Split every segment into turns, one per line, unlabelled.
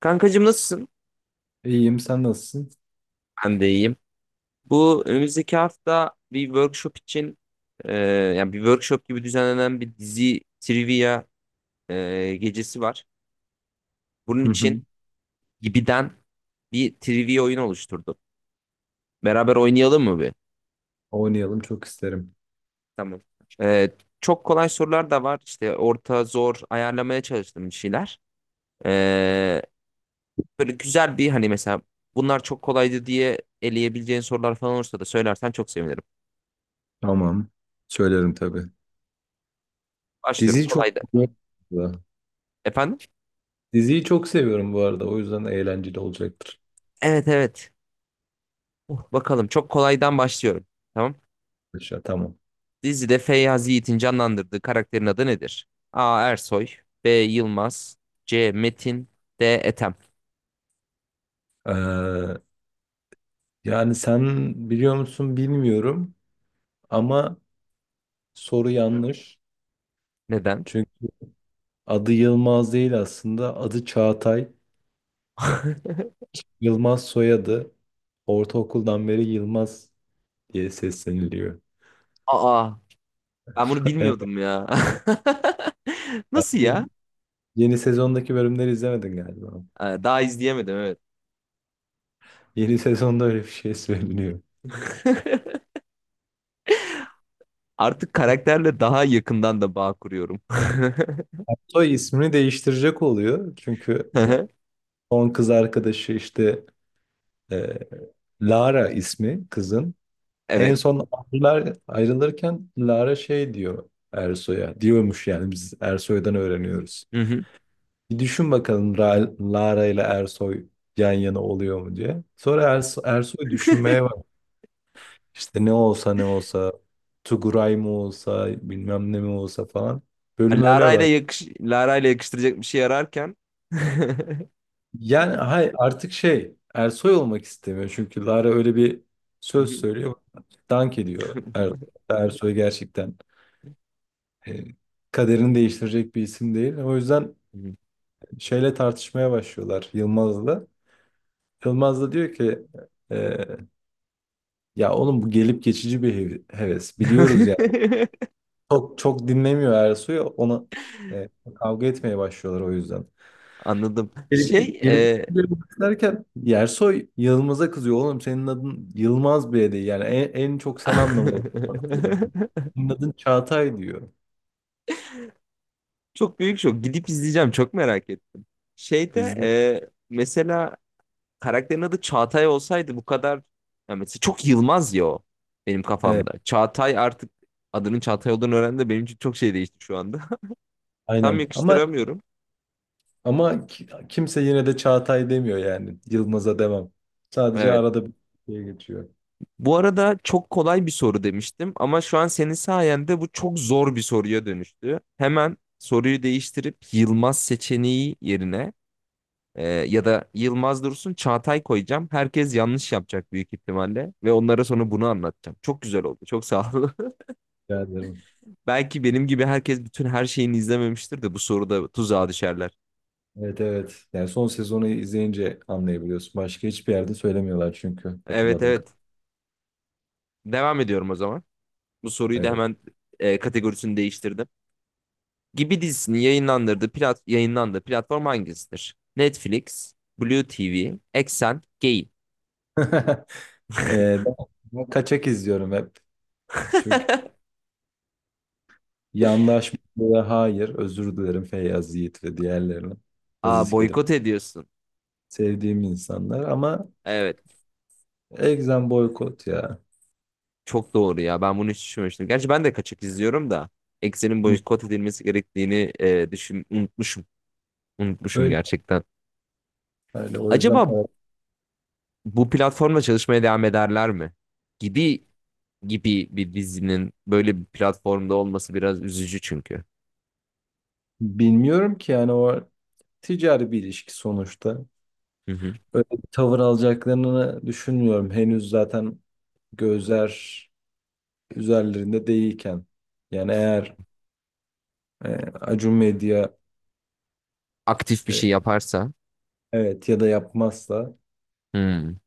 Kankacığım nasılsın?
İyiyim, sen nasılsın?
Ben de iyiyim. Bu önümüzdeki hafta bir workshop için yani bir workshop gibi düzenlenen bir dizi trivia gecesi var. Bunun
Hı hı.
için Gibi'den bir trivia oyunu oluşturdum. Beraber oynayalım mı bir?
Oynayalım, çok isterim.
Tamam. E, Çok kolay sorular da var. İşte orta, zor ayarlamaya çalıştım bir şeyler. E, Böyle güzel bir hani mesela bunlar çok kolaydı diye eleyebileceğin sorular falan olursa da söylersen çok sevinirim.
Tamam. Söylerim tabii.
Başlıyorum.
Diziyi çok
Kolay da. Efendim?
Diziyi çok seviyorum bu arada. O yüzden eğlenceli olacaktır.
Evet, evet. Oh, bakalım çok kolaydan başlıyorum. Tamam.
Aşağı, tamam.
Dizide Feyyaz Yiğit'in canlandırdığı karakterin adı nedir? A. Ersoy B. Yılmaz C. Metin D. Ethem.
Ee, Yani sen biliyor musun bilmiyorum ama soru yanlış.
Neden?
Çünkü adı Yılmaz değil aslında. Adı Çağatay. Yılmaz soyadı. Ortaokuldan beri Yılmaz diye sesleniliyor.
Aa, ben bunu
Evet.
bilmiyordum ya. Nasıl ya?
Yeni sezondaki bölümleri izlemedin galiba.
Daha izleyemedim, evet.
Yeni sezonda öyle bir şey söyleniyor.
Artık karakterle daha yakından da bağ kuruyorum.
Soy ismini değiştirecek oluyor. Çünkü son kız arkadaşı işte e, Lara ismi kızın. En
Evet.
son ayrılırken Lara şey diyor Ersoy'a. Diyormuş, yani biz Ersoy'dan öğreniyoruz.
Hı hı.
Bir düşün bakalım Lara ile Ersoy yan yana oluyor mu diye. Sonra Ersoy düşünmeye bak. İşte ne olsa ne olsa Tuguray mı olsa bilmem ne mi olsa falan. Bölüm öyle.
Lara ile yakıştıracak bir şey ararken.
Yani hay artık şey, Ersoy olmak istemiyor çünkü Lara öyle bir
Hı
söz söylüyor. Dank ediyor Ersoy gerçekten. E, Kaderini değiştirecek bir isim değil. O yüzden
hı.
şeyle tartışmaya başlıyorlar Yılmaz'la. Yılmaz da diyor ki, e, ya oğlum bu gelip geçici bir heves. Biliyoruz yani. Çok çok dinlemiyor Ersoy'u, ona e, kavga etmeye başlıyorlar o yüzden.
Anladım.
Gelip gelip derken Yersoy Yılmaz'a kızıyor. Oğlum senin adın Yılmaz bile değil. Yani en çok sen anlamalısın. Senin adın Çağatay diyor.
Çok büyük şok. Gidip izleyeceğim. Çok merak ettim. Şeyde
Bizde.
mesela karakterin adı Çağatay olsaydı bu kadar ya mesela çok Yılmaz ya o benim
Evet,
kafamda. Çağatay artık adının Çağatay olduğunu öğrendim de benim için çok şey değişti şu anda. Tam
aynen. Ama
yakıştıramıyorum.
kimse yine de Çağatay demiyor yani. Yılmaz'a devam. Sadece
Evet.
arada bir şey geçiyor.
Bu arada çok kolay bir soru demiştim ama şu an senin sayende bu çok zor bir soruya dönüştü. Hemen soruyu değiştirip Yılmaz seçeneği yerine ya da Yılmaz Dursun Çağatay koyacağım. Herkes yanlış yapacak büyük ihtimalle ve onlara sonra bunu anlatacağım. Çok güzel oldu. Çok sağ ol.
Rica ederim.
Belki benim gibi herkes bütün her şeyini izlememiştir de bu soruda tuzağa düşerler.
Evet, evet. Yani son sezonu izleyince anlayabiliyorsun. Başka hiçbir yerde söylemiyorlar çünkü
Evet,
hatırladım.
evet. Devam ediyorum o zaman. Bu soruyu da
Evet.
hemen kategorisini değiştirdim. Gibi dizisini yayınlandırdığı plat yayınlandığı platform hangisidir? Netflix, Blue TV, Exxen, Gay.
Ben kaçak izliyorum hep. Çünkü yandaşmaya hayır, özür dilerim Feyyaz Yiğit ve diğerlerine.
Aa,
Aziz Kerim.
boykot ediyorsun.
Sevdiğim insanlar ama
Evet.
egzem boykot ya.
Çok doğru ya. Ben bunu hiç düşünmemiştim. Gerçi ben de kaçak izliyorum da Exxen'in
Hı.
boykot edilmesi gerektiğini e, düşün unutmuşum. Unutmuşum
Öyle,
gerçekten.
öyle. O yüzden
Acaba bu platformla çalışmaya devam ederler mi? Gibi gibi bir dizinin böyle bir platformda olması biraz üzücü çünkü.
bilmiyorum ki, yani o ticari bir ilişki sonuçta.
Hı hı.
Öyle bir tavır alacaklarını düşünmüyorum. Henüz zaten gözler üzerlerinde değilken. Yani eğer e, Acun Medya
Aktif bir
e,
şey yaparsa.
evet ya da yapmazsa
Hmm.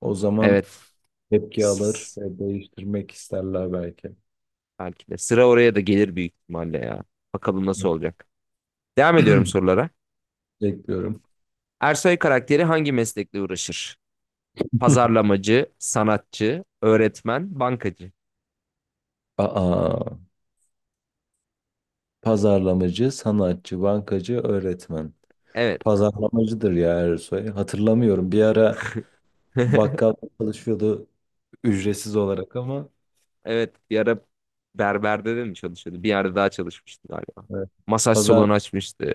o zaman tepki alır
Evet.
ve değiştirmek isterler belki.
Belki de. Sıra oraya da gelir büyük ihtimalle ya. Bakalım nasıl olacak. Devam ediyorum sorulara.
Bekliyorum.
Ersoy karakteri hangi meslekle uğraşır? Pazarlamacı, sanatçı, öğretmen, bankacı.
Aa, pazarlamacı, sanatçı, bankacı, öğretmen.
Evet.
Pazarlamacıdır ya Ersoy. Hatırlamıyorum. Bir ara bakkal çalışıyordu, ücretsiz olarak ama
Evet. Bir ara berberde de mi çalışıyordu? Bir yerde daha çalışmıştı galiba.
evet.
Masaj
Pazar,
salonu açmıştı.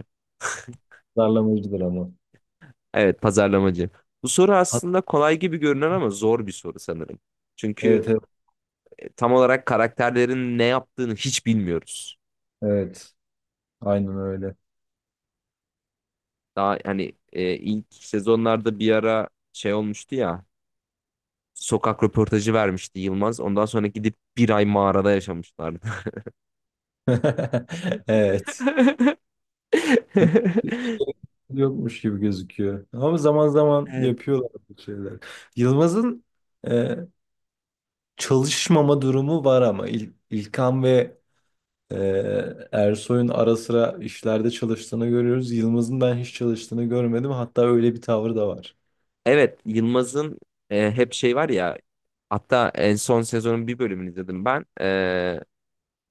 Pazarlamacıdır ama.
Evet, pazarlamacı. Bu soru
Hat-
aslında kolay gibi görünen ama zor bir soru sanırım. Çünkü
evet,
tam olarak karakterlerin ne yaptığını hiç bilmiyoruz.
evet. Aynen öyle.
Daha hani ilk sezonlarda bir ara şey olmuştu ya. Sokak röportajı vermişti Yılmaz. Ondan sonra gidip bir ay mağarada yaşamışlardı.
Evet. Hiç, Hiç gerek yokmuş gibi gözüküyor. Ama zaman zaman
Evet.
yapıyorlar bu şeyler. Yılmaz'ın e, çalışmama durumu var ama İlkan ve Ee, Ersoy'un ara sıra işlerde çalıştığını görüyoruz. Yılmaz'ın ben hiç çalıştığını görmedim. Hatta öyle bir tavrı da var.
Evet, Yılmaz'ın hep şey var ya. Hatta en son sezonun bir bölümünü izledim ben.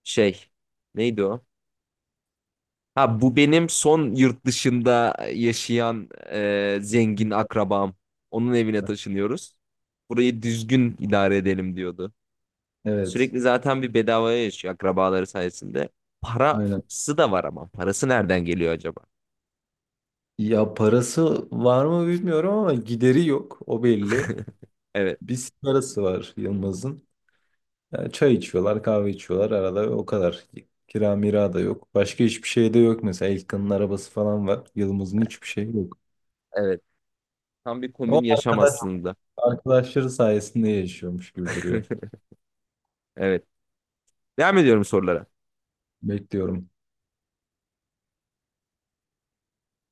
Şey neydi o? Ha, bu benim son yurt dışında yaşayan zengin akrabam. Onun evine taşınıyoruz. Burayı düzgün idare edelim diyordu.
Evet,
Sürekli zaten bir bedavaya yaşıyor akrabaları sayesinde.
aynen.
Parası da var ama. Parası nereden geliyor acaba?
Ya parası var mı bilmiyorum ama gideri yok. O belli.
Evet,
Bir parası var Yılmaz'ın. Yani çay içiyorlar, kahve içiyorlar arada, o kadar. Kira mira da yok. Başka hiçbir şey de yok mesela. İlkan'ın arabası falan var. Yılmaz'ın hiçbir şey yok.
evet. Tam bir
O
komün yaşam
arkadaş,
aslında.
Arkadaşları sayesinde yaşıyormuş gibi duruyor.
Evet. Devam ediyorum sorulara.
Bekliyorum.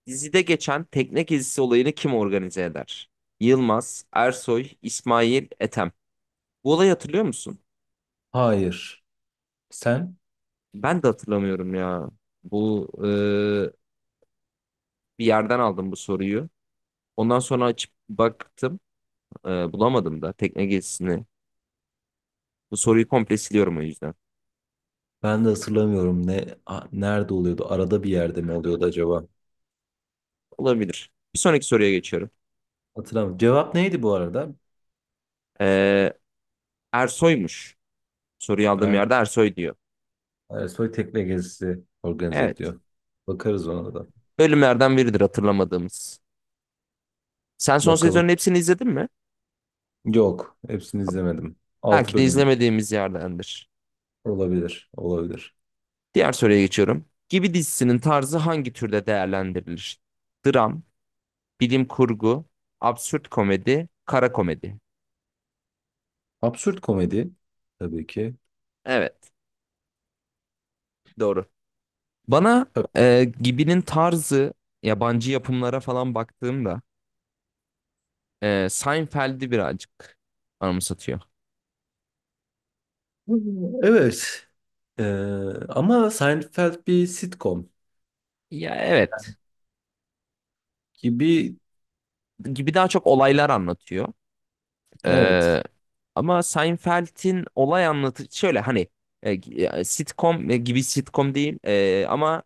Dizide geçen tekne gezisi olayını kim organize eder? Yılmaz, Ersoy, İsmail, Ethem. Bu olayı hatırlıyor musun?
Hayır. Sen?
Ben de hatırlamıyorum ya. Bu bir yerden aldım bu soruyu. Ondan sonra açıp baktım. Bulamadım da tekne gezisini. Bu soruyu komple siliyorum o yüzden.
Ben de hatırlamıyorum, ne nerede oluyordu? Arada bir yerde mi oluyordu acaba?
Olabilir. Bir sonraki soruya geçiyorum.
Hatırlamıyorum. Cevap neydi bu arada?
Ee, Ersoy'muş. Soruyu aldığım
Er,
yerde Ersoy diyor.
Ersoy tekne gezisi organize
Evet.
ediyor. Bakarız ona da.
Bölümlerden biridir hatırlamadığımız. Sen son
Bakalım.
sezonun hepsini izledin mi?
Yok. Hepsini izlemedim. 6
Belki de
bölüm
izlemediğimiz yerdendir.
olabilir. Olabilir.
Diğer soruya geçiyorum. Gibi dizisinin tarzı hangi türde değerlendirilir? Dram, bilim kurgu, absürt komedi, kara komedi.
Absürt komedi tabii ki.
Evet, doğru. Bana
Tabii.
Gibi'nin tarzı yabancı yapımlara falan baktığımda Seinfeld'i birazcık anımsatıyor.
Evet. Ee, Ama Seinfeld bir sitcom
Ya, evet,
gibi.
gibi daha çok olaylar anlatıyor.
Evet,
Ee, Ama Seinfeld'in olay anlatı şöyle hani sitcom gibi sitcom değil, ama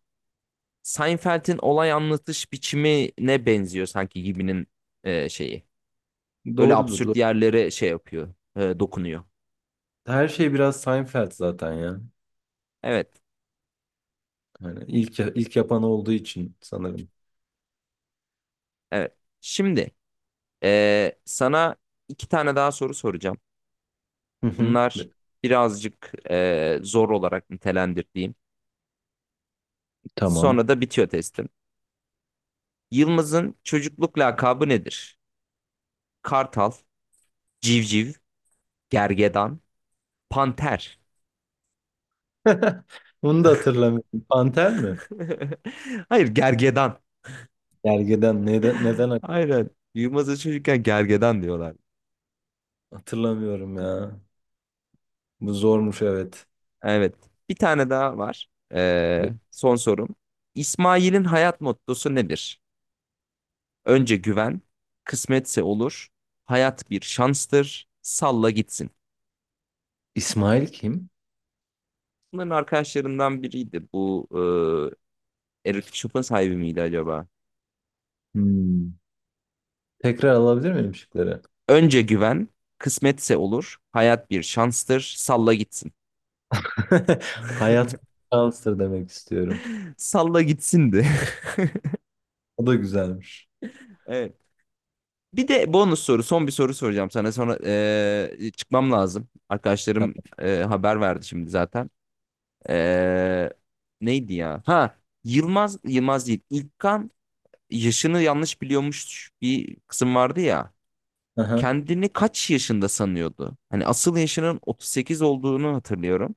Seinfeld'in olay anlatış biçimine benziyor sanki gibinin şeyi. Öyle
doğrudur,
absürt
doğru.
yerlere şey yapıyor, dokunuyor.
Her şey biraz Seinfeld zaten ya.
Evet,
Yani ilk yapan olduğu için sanırım.
evet. Şimdi sana iki tane daha soru soracağım.
Hı hı.
Bunlar birazcık zor olarak nitelendirdiğim.
Tamam.
Sonra da bitiyor testim. Yılmaz'ın çocukluk lakabı nedir? Kartal, civciv, gergedan, panter.
Bunu da hatırlamıyorum. Panter mi?
Hayır, gergedan.
Gergeden, neden
Aynen. Yılmaz'a çocukken gergedan diyorlar.
hatırlamıyorum ya. Bu zormuş evet.
Evet. Bir tane daha var.
Be-
Son sorum. İsmail'in hayat mottosu nedir? Önce güven, kısmetse olur, hayat bir şanstır, salla gitsin.
İsmail kim?
Bunların arkadaşlarından biriydi. Bu erotik shop'un sahibi miydi acaba?
Hmm. Tekrar alabilir miyim şıkları?
Önce güven, kısmetse olur. Hayat bir şanstır. Salla gitsin.
Hayat şanstır demek istiyorum.
Salla gitsindi.
O da güzelmiş.
Evet. Bir de bonus soru, son bir soru soracağım sana. Sonra çıkmam lazım. Arkadaşlarım
Tamam.
haber verdi şimdi zaten. Eee, Neydi ya? Ha, Yılmaz, Yılmaz değil. İlkan yaşını yanlış biliyormuş bir kısım vardı ya.
Aha,
Kendini kaç yaşında sanıyordu? Hani asıl yaşının 38 olduğunu hatırlıyorum.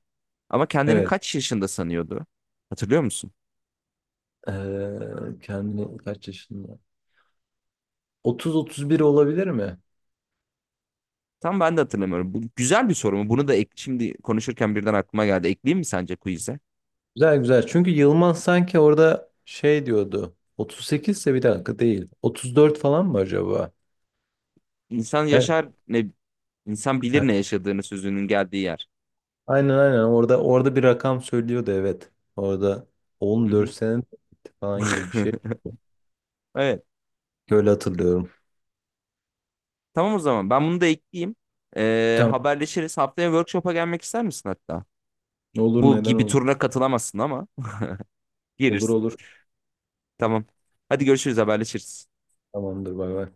Ama kendini
evet.
kaç yaşında sanıyordu? Hatırlıyor musun?
Kendini kaç yaşında? 30-31 olabilir mi?
Tam ben de hatırlamıyorum. Bu güzel bir soru mu? Bunu da şimdi konuşurken birden aklıma geldi. Ekleyeyim mi sence quiz'e?
Güzel, güzel. Çünkü Yılmaz sanki orada şey diyordu. 38 ise bir dakika değil. 34 falan mı acaba?
İnsan
Evet.
yaşar ne, insan
Ha,
bilir ne yaşadığını sözünün geldiği yer.
aynen aynen. Orada bir rakam söylüyordu evet. Orada
Hı
14
hı.
sene falan gibi bir şey.
Evet.
Öyle hatırlıyorum.
Tamam o zaman. Ben bunu da ekleyeyim.
Tamam.
Haberleşiriz. Haftaya workshop'a gelmek ister misin hatta?
Olur,
Bu
neden
gibi
olur.
turuna katılamazsın ama
Olur,
gelirsin.
olur.
Tamam. Hadi görüşürüz, haberleşiriz.
Tamamdır, bay bay.